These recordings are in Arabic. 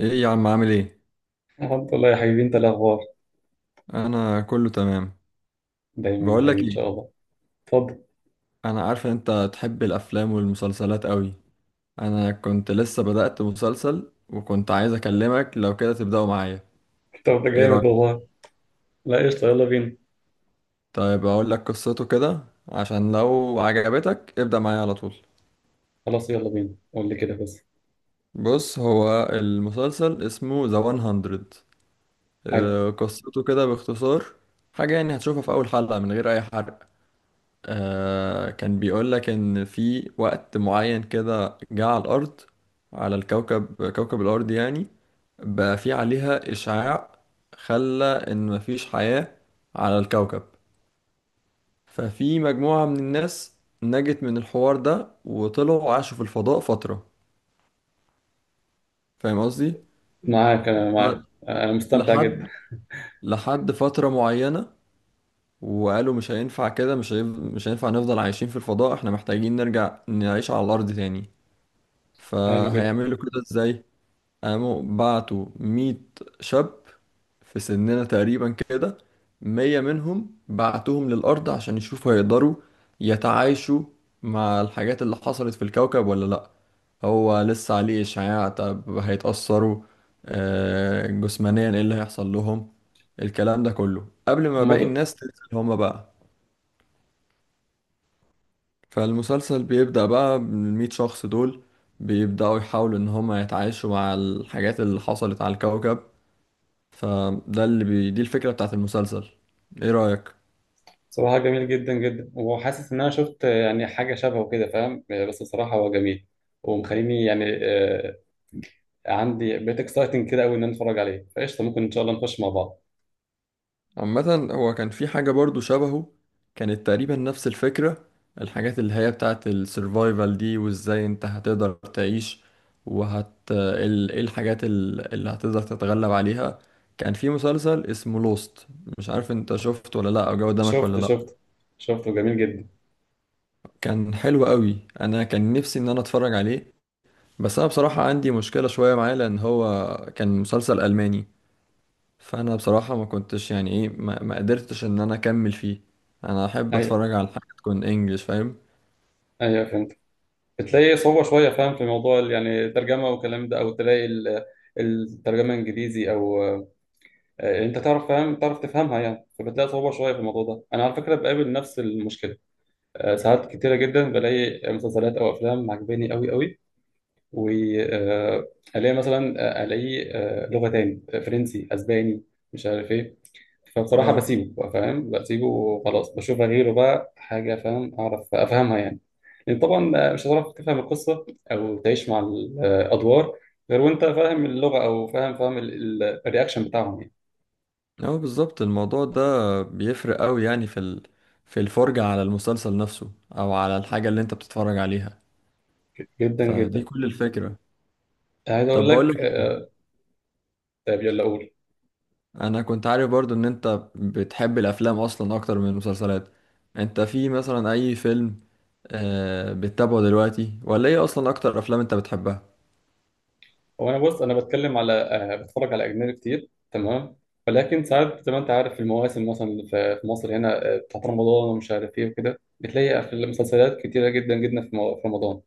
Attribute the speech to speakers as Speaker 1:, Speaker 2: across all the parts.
Speaker 1: ايه يا عم عامل ايه؟
Speaker 2: الحمد لله يا حبيبي، انت إيه الاخبار؟
Speaker 1: انا كله تمام.
Speaker 2: دايما يا
Speaker 1: بقول
Speaker 2: حبيبي
Speaker 1: لك
Speaker 2: ان شاء
Speaker 1: ايه؟
Speaker 2: الله. اتفضل.
Speaker 1: انا عارف ان انت تحب الافلام والمسلسلات قوي. انا كنت لسه بدأت مسلسل وكنت عايز اكلمك لو كده تبدأه معايا.
Speaker 2: طب ده
Speaker 1: ايه
Speaker 2: جامد
Speaker 1: رأيك؟
Speaker 2: والله. لا قشطه، يلا بينا.
Speaker 1: طيب اقول لك قصته كده عشان لو عجبتك ابدأ معايا على طول.
Speaker 2: خلاص يلا بينا قول لي كده بس.
Speaker 1: بص هو المسلسل اسمه ذا 100.
Speaker 2: حلو.
Speaker 1: آه، قصته كده باختصار، حاجة يعني هتشوفها في اول حلقة من غير اي حرق. آه كان بيقول لك إن في وقت معين كده جه على الأرض، على الكوكب، كوكب الأرض يعني، بقى في عليها إشعاع، خلى إن مفيش حياة على الكوكب. ففي مجموعة من الناس نجت من الحوار ده وطلعوا عاشوا في الفضاء فترة. فاهم قصدي؟
Speaker 2: معاك، انا
Speaker 1: ف-
Speaker 2: معاك، انا مستمتع
Speaker 1: لحد
Speaker 2: جدا.
Speaker 1: لحد فترة معينة. وقالوا مش هينفع كده، مش هينفع نفضل عايشين في الفضاء، احنا محتاجين نرجع نعيش على الأرض تاني.
Speaker 2: حلو جدا.
Speaker 1: فهيعملوا كده ازاي؟ قاموا بعتوا 100 شاب في سننا تقريبا كده، 100 منهم بعتوهم للأرض عشان يشوفوا هيقدروا يتعايشوا مع الحاجات اللي حصلت في الكوكب ولا لأ. هو لسه عليه إشعاع، طب هيتأثروا؟ آه، جسمانيا ايه اللي هيحصل لهم؟ الكلام ده كله قبل ما
Speaker 2: هما
Speaker 1: باقي
Speaker 2: دول.
Speaker 1: الناس تنزل هما بقى. فالمسلسل بيبدأ بقى من ال100 شخص دول، بيبدأوا يحاولوا إن هما يتعايشوا مع الحاجات اللي حصلت على الكوكب. فده اللي دي الفكرة بتاعت المسلسل. إيه رأيك؟
Speaker 2: صراحه جميل جدا جدا، وحاسس ان انا شفت يعني حاجه شبهه كده فاهم، بس الصراحه هو جميل. ومخليني يعني عندي بقيت اكسايتنج كده قوي ان انا اتفرج عليه، فقشطه ممكن ان شاء الله نخش مع بعض.
Speaker 1: عامة هو كان في حاجة برضو شبهه، كانت تقريبا نفس الفكرة، الحاجات اللي هي بتاعت السرفايفل دي وإزاي أنت هتقدر تعيش. إيه الحاجات اللي هتقدر تتغلب عليها. كان في مسلسل اسمه لوست، مش عارف أنت شفته ولا لأ أو جه قدامك ولا
Speaker 2: شفت
Speaker 1: لأ.
Speaker 2: شفت شفته جميل جدا.
Speaker 1: كان حلو قوي، انا كان نفسي ان انا اتفرج عليه. بس انا بصراحة عندي مشكلة شوية معاه لان هو كان مسلسل الماني. فانا بصراحة ما كنتش يعني ايه ما قدرتش ان انا اكمل فيه. انا احب
Speaker 2: ايوه.
Speaker 1: اتفرج على حاجة تكون انجلش فاهم.
Speaker 2: ايوه فهمت. بتلاقي صعوبة شوية فاهم في موضوع يعني الترجمة والكلام ده، أو تلاقي الترجمة إنجليزي، أو يعني أنت تعرف فاهم تعرف تفهمها يعني، فبتلاقي صعوبة شوية في الموضوع ده. أنا على فكرة بقابل نفس المشكلة. ساعات كتيرة جدا بلاقي مسلسلات أو أفلام عجباني أوي أوي، وألاقي مثلا ألاقي لغة تاني فرنسي أسباني، مش عارف إيه، فبصراحة
Speaker 1: اه.
Speaker 2: بسيبه فاهم، بسيبه وخلاص، بشوف غيره بقى حاجة فاهم أعرف أفهمها يعني. لأن طبعا مش هتعرف تفهم القصة أو تعيش مع الأدوار غير وأنت فاهم اللغة، أو فاهم الرياكشن بتاعهم يعني.
Speaker 1: اه بالظبط، الموضوع ده بيفرق قوي يعني في في الفرجة على المسلسل نفسه او على الحاجة اللي انت بتتفرج عليها.
Speaker 2: جدا
Speaker 1: فدي
Speaker 2: جدا.
Speaker 1: كل الفكرة.
Speaker 2: عايز أقول
Speaker 1: طب بقول
Speaker 2: لك
Speaker 1: لك إيه؟
Speaker 2: طيب يلا قول.
Speaker 1: انا كنت عارف برضو ان انت بتحب الافلام اصلا اكتر من المسلسلات. انت في مثلا اي فيلم آه بتتابعه دلوقتي ولا ايه؟ اصلا اكتر افلام انت بتحبها؟
Speaker 2: هو أنا بص، أنا بتكلم على بتفرج على أجنبي كتير تمام، ولكن ساعات زي ما أنت عارف المواسم مثلا اللي في مصر هنا بتاعت رمضان ومش عارف إيه وكده، بتلاقي في المسلسلات كتيرة جدا جدا في في رمضان.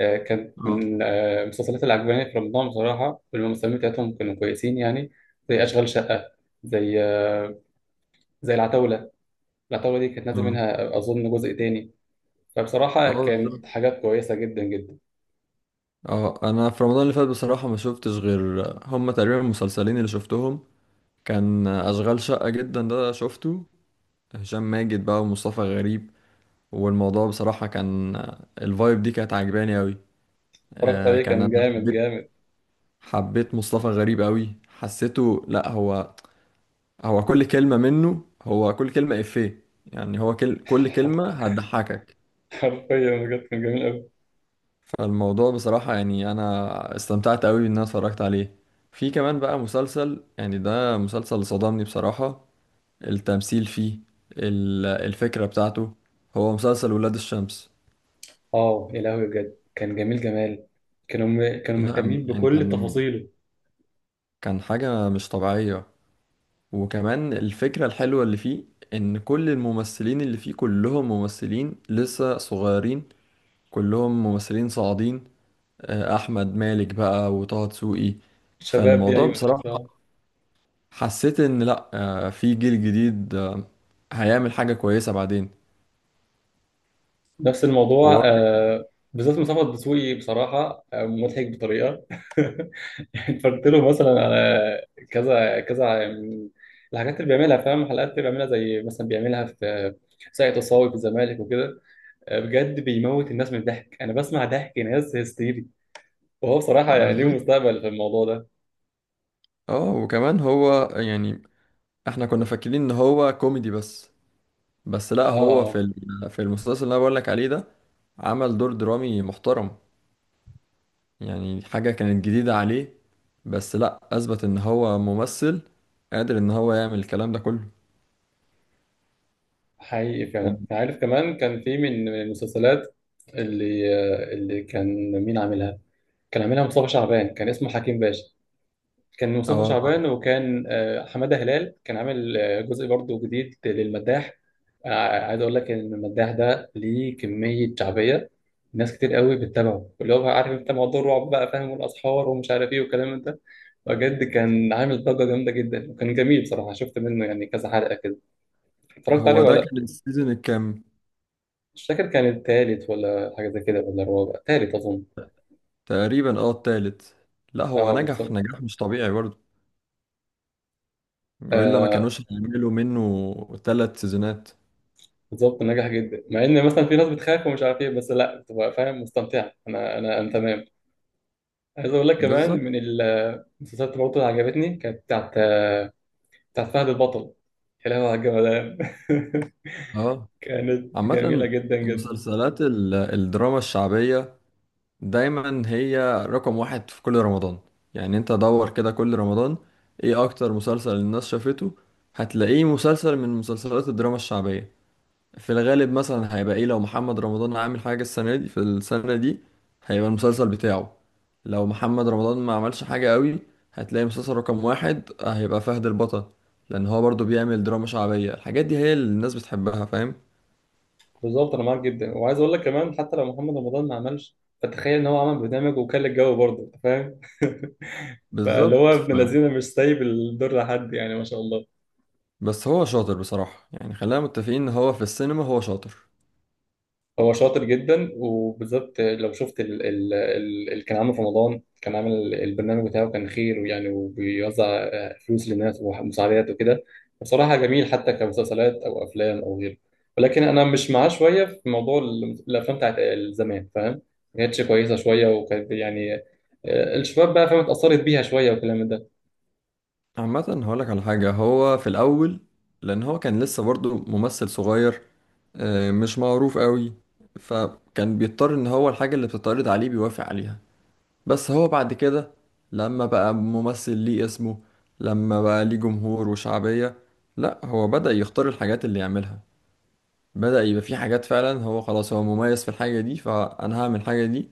Speaker 2: كانت
Speaker 1: اه.
Speaker 2: من المسلسلات اللي عجباني في رمضان بصراحة، والممثلين بتاعتهم كانوا كويسين يعني. زي أشغال شقة، زي زي العتاولة. العتاولة دي كانت نازل
Speaker 1: اه.
Speaker 2: منها أظن جزء تاني.
Speaker 1: اه
Speaker 2: فبصراحة
Speaker 1: بالظبط.
Speaker 2: كانت حاجات كويسة جدا جدا.
Speaker 1: اه انا في رمضان اللي فات بصراحة ما شفتش غير هما تقريبا المسلسلين اللي شفتهم. كان اشغال شقة جدا ده شفته، هشام ماجد بقى ومصطفى غريب. والموضوع بصراحة كان، الفايب دي كانت عجباني قوي.
Speaker 2: اتفرجت
Speaker 1: آه
Speaker 2: عليه
Speaker 1: كان
Speaker 2: كان
Speaker 1: انا
Speaker 2: جامد
Speaker 1: حبيت.
Speaker 2: جامد.
Speaker 1: حبيت مصطفى غريب قوي، حسيته لا هو، هو كل كلمة منه، هو كل كلمة إفيه يعني، هو كل كلمة هتضحكك.
Speaker 2: حرفيا بجد كان جميل أوي.
Speaker 1: فالموضوع بصراحة يعني أنا استمتعت أوي إن أنا اتفرجت عليه. في كمان بقى مسلسل، يعني ده مسلسل صدمني بصراحة، التمثيل فيه، الفكرة بتاعته، هو مسلسل ولاد الشمس.
Speaker 2: اه يا لهوي بجد كان جميل جمال. كانوا
Speaker 1: لا
Speaker 2: مهتمين
Speaker 1: يعني
Speaker 2: بكل تفاصيله.
Speaker 1: كان حاجة مش طبيعية. وكمان الفكرة الحلوة اللي فيه، إن كل الممثلين اللي فيه كلهم ممثلين لسه صغيرين، كلهم ممثلين صاعدين. آه، احمد مالك بقى وطه دسوقي.
Speaker 2: الشباب دي
Speaker 1: فالموضوع
Speaker 2: أيوه
Speaker 1: بصراحة،
Speaker 2: بصراحة.
Speaker 1: حسيت ان لا، آه، في جيل جديد، آه، هيعمل حاجة كويسة بعدين.
Speaker 2: نفس الموضوع
Speaker 1: هو
Speaker 2: بالذات مصطفى الدسوقي بصراحة مضحك بطريقة. اتفرجت له مثلا على كذا كذا من الحاجات اللي بيعملها فاهم، حلقات اللي بيعملها زي مثلا بيعملها في ساقية الصاوي في الزمالك وكده. بجد بيموت الناس من الضحك، انا بسمع ضحك ناس هستيري، وهو بصراحة يعني ليه
Speaker 1: بالظبط.
Speaker 2: مستقبل في الموضوع ده.
Speaker 1: اه وكمان هو يعني احنا كنا فاكرين ان هو كوميدي بس، بس لا
Speaker 2: اه.
Speaker 1: هو في
Speaker 2: اه.
Speaker 1: في المسلسل اللي انا بقول لك عليه ده عمل دور درامي محترم، يعني حاجة كانت جديدة عليه، بس لا اثبت ان هو ممثل قادر ان هو يعمل الكلام ده كله.
Speaker 2: حقيقي
Speaker 1: كان.
Speaker 2: فعلا، عارف كمان كان في من المسلسلات اللي اللي كان مين عاملها؟ كان عاملها مصطفى شعبان، كان اسمه حكيم باشا. كان مصطفى
Speaker 1: اه.
Speaker 2: شعبان، وكان حمادة هلال كان عامل جزء برضه جديد للمداح. عايز اقول لك ان المداح ده ليه كميه شعبيه، ناس كتير قوي بتتابعه، اللي هو بقى عارف انت موضوع الرعب بقى فاهم، والاسحار ومش عارف ايه والكلام من ده. بجد كان عامل ضجه جامده جدا وكان جميل صراحه. شفت منه يعني كذا حلقه كده. اتفرجت عليه
Speaker 1: هو ده
Speaker 2: ولا لا؟
Speaker 1: كان السيزون الكام؟
Speaker 2: مش فاكر، كان التالت ولا حاجه زي كده ولا الرابع، تالت اظن.
Speaker 1: تقريبا اه التالت. لا هو
Speaker 2: اه
Speaker 1: نجح
Speaker 2: بالظبط.
Speaker 1: نجاح مش طبيعي برضه، والا ما
Speaker 2: آه
Speaker 1: كانوش هيعملوا منه 3 سيزونات.
Speaker 2: بالظبط، نجح جدا مع ان مثلا في ناس بتخاف ومش عارف ايه، بس لا بتبقى فاهم مستمتعه. انا تمام. عايز اقول لك كمان
Speaker 1: بالظبط
Speaker 2: من المسلسلات برضه اللي عجبتني، كانت بتاعت فهد البطل. كلام على الجمدان.
Speaker 1: اه.
Speaker 2: كانت جميلة
Speaker 1: عامة
Speaker 2: جدا جدا.
Speaker 1: مسلسلات الدراما الشعبية دايما هي رقم واحد في كل رمضان. يعني انت دور كده كل رمضان، ايه اكتر مسلسل الناس شافته، هتلاقيه مسلسل من مسلسلات الدراما الشعبية. في الغالب مثلا هيبقى ايه، لو محمد رمضان عامل حاجة السنة دي، في السنة دي هيبقى المسلسل بتاعه. لو محمد رمضان ما عملش حاجة قوي هتلاقي مسلسل رقم واحد هيبقى فهد البطل، لأن هو برضو بيعمل دراما شعبية، الحاجات دي هي اللي الناس بتحبها فاهم؟
Speaker 2: بالظبط أنا معاك جدا، وعايز أقول لك كمان حتى لو محمد رمضان ما عملش، فتخيل إن هو عمل برنامج وكان الجو برضه أنت فاهم. فاللي
Speaker 1: بالظبط
Speaker 2: هو ابن
Speaker 1: فعلا.
Speaker 2: الذين مش سايب الدور لحد، يعني ما شاء الله.
Speaker 1: بس هو شاطر بصراحة، يعني خلينا متفقين ان هو في السينما هو شاطر.
Speaker 2: هو شاطر جدا، وبالذات لو شفت اللي كان عامله في رمضان، كان عامل البرنامج بتاعه، كان خير ويعني وبيوزع فلوس للناس ومساعدات وكده. بصراحة جميل حتى كمسلسلات أو أفلام أو غيره. ولكن أنا مش معاه شوية في موضوع الأفلام بتاعت زمان فاهم؟ ما كانتش كويسة شوية، وكانت يعني الشباب بقى فاهم اتأثرت بيها شوية والكلام ده.
Speaker 1: عامة هقولك على حاجة، هو في الأول لأن هو كان لسه برضه ممثل صغير، آه، مش معروف قوي، فكان بيضطر إن هو الحاجة اللي بتتعرض عليه بيوافق عليها. بس هو بعد كده لما بقى ممثل ليه اسمه، لما بقى ليه جمهور وشعبية، لأ هو بدأ يختار الحاجات اللي يعملها، بدأ يبقى في حاجات فعلا هو خلاص هو مميز في الحاجة دي فأنا هعمل الحاجة دي.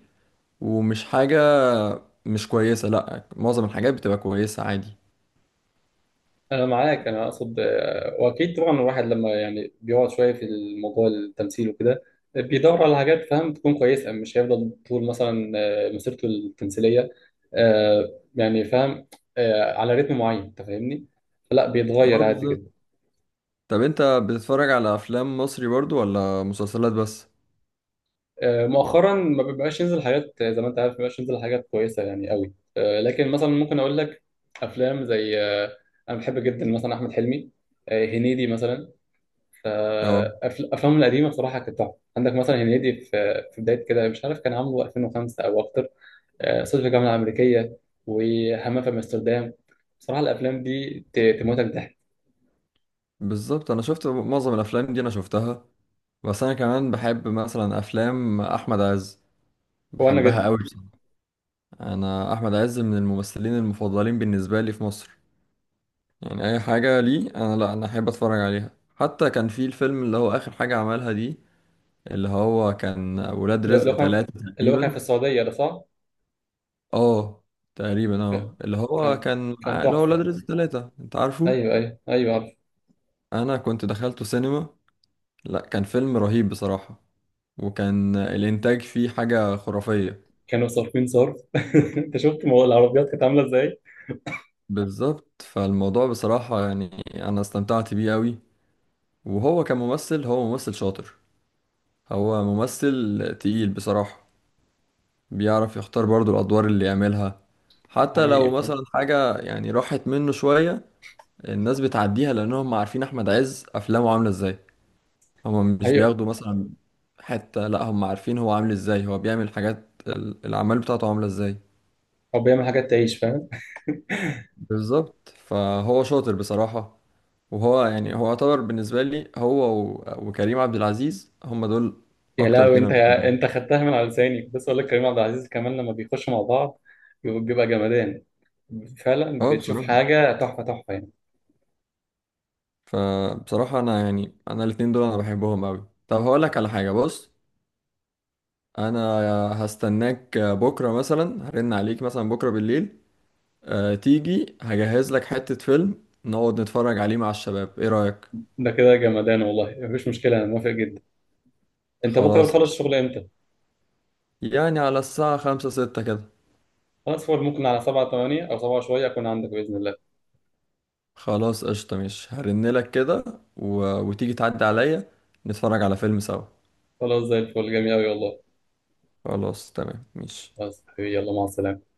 Speaker 1: ومش حاجة، مش كويسة، لأ معظم الحاجات بتبقى كويسة عادي.
Speaker 2: انا معاك، انا اقصد واكيد طبعا الواحد لما يعني بيقعد شويه في الموضوع التمثيل وكده، بيدور على حاجات فاهم تكون كويسه، مش هيفضل طول مثلا مسيرته التمثيليه يعني فاهم على رتم معين انت فاهمني، فلا بيتغير
Speaker 1: اه
Speaker 2: عادي
Speaker 1: بالظبط.
Speaker 2: جدا.
Speaker 1: طب انت بتتفرج على افلام مصري برضو ولا مسلسلات بس؟
Speaker 2: مؤخرا ما بيبقاش ينزل حاجات زي ما انت عارف ما بيبقاش ينزل حاجات كويسه يعني قوي، لكن مثلا ممكن اقول لك افلام زي انا بحب جدا مثلا احمد حلمي، هنيدي مثلا.
Speaker 1: اه
Speaker 2: فأفلامه القديمة بصراحة كانت تحفة. عندك مثلا هنيدي في بداية كده مش عارف كان عامله 2005 أو أكتر، صعيدي في الجامعة الأمريكية، وهمام في أمستردام. بصراحة الأفلام دي تموتك ضحك.
Speaker 1: بالظبط. انا شفت معظم الافلام دي انا شفتها. بس انا كمان بحب مثلا افلام احمد عز،
Speaker 2: هو أنا
Speaker 1: بحبها
Speaker 2: جد.
Speaker 1: قوي بصراحة. انا احمد عز من الممثلين المفضلين بالنسبه لي في مصر. يعني اي حاجه ليه انا لا انا احب اتفرج عليها، حتى كان في الفيلم اللي هو اخر حاجه عملها دي، اللي هو كان ولاد
Speaker 2: اللي
Speaker 1: رزق
Speaker 2: هو كان،
Speaker 1: 3
Speaker 2: اللي هو كان في
Speaker 1: تقريبا.
Speaker 2: السعودية ده صح؟
Speaker 1: اه. تقريبا
Speaker 2: كان
Speaker 1: اه
Speaker 2: كان كان
Speaker 1: اللي هو
Speaker 2: تحفة.
Speaker 1: ولاد رزق 3 انت عارفه.
Speaker 2: أيوه أيوه أيوه عارف.
Speaker 1: انا كنت دخلته سينما، لا كان فيلم رهيب بصراحة، وكان الانتاج فيه حاجة خرافية.
Speaker 2: كانوا صارفين صرف. أنت شفت العربيات كانت عاملة إزاي؟
Speaker 1: بالظبط. فالموضوع بصراحة يعني انا استمتعت بيه قوي، وهو كممثل هو ممثل شاطر، هو ممثل تقيل بصراحة، بيعرف يختار برضو الادوار اللي يعملها. حتى لو
Speaker 2: حقيقي فاهم؟
Speaker 1: مثلا حاجة يعني راحت منه شوية، الناس بتعديها لانهم عارفين احمد عز افلامه عاملة ازاي. هم مش
Speaker 2: حقيقي.
Speaker 1: بياخدوا مثلا حتة، لا هم عارفين هو عامل ازاي، هو بيعمل حاجات الأعمال بتاعته عاملة ازاي.
Speaker 2: هو بيعمل حاجات تعيش.
Speaker 1: بالظبط. فهو شاطر بصراحة. وهو يعني هو يعتبر بالنسبة لي هو وكريم عبد العزيز هم دول
Speaker 2: يا
Speaker 1: أكتر
Speaker 2: لهوي
Speaker 1: 2
Speaker 2: انت،
Speaker 1: أنا
Speaker 2: يا
Speaker 1: بحبهم.
Speaker 2: انت خدتها من على لساني، كنت لسه اقول لك كريم عبد العزيز كمان لما بيخشوا مع بعض بيبقى جمدان. فعلا
Speaker 1: اه
Speaker 2: بتشوف
Speaker 1: بصراحة.
Speaker 2: حاجه تحفه تحفه يعني.
Speaker 1: فبصراحة أنا يعني أنا الاتنين دول أنا بحبهم أوي. طب هقولك على حاجة، بص أنا هستناك بكرة مثلا، هرن عليك مثلا بكرة بالليل، آه، تيجي هجهز لك حتة فيلم نقعد نتفرج عليه مع الشباب، ايه رأيك؟
Speaker 2: ده كده جمدان والله، مفيش مشكله انا موافق جدا. انت بكره
Speaker 1: خلاص
Speaker 2: بتخلص
Speaker 1: قشطة.
Speaker 2: الشغل امتى؟
Speaker 1: يعني على الساعة 5 6 كده.
Speaker 2: خلاص فول، ممكن على 7 8 او 7 شويه اكون عندك باذن الله.
Speaker 1: خلاص قشطة مش هرنلك كده و... وتيجي تعدي عليا نتفرج على فيلم سوا.
Speaker 2: خلاص زي الفل، جميل قوي والله.
Speaker 1: خلاص تمام مش
Speaker 2: خلاص حبيبي يلا مع السلامه.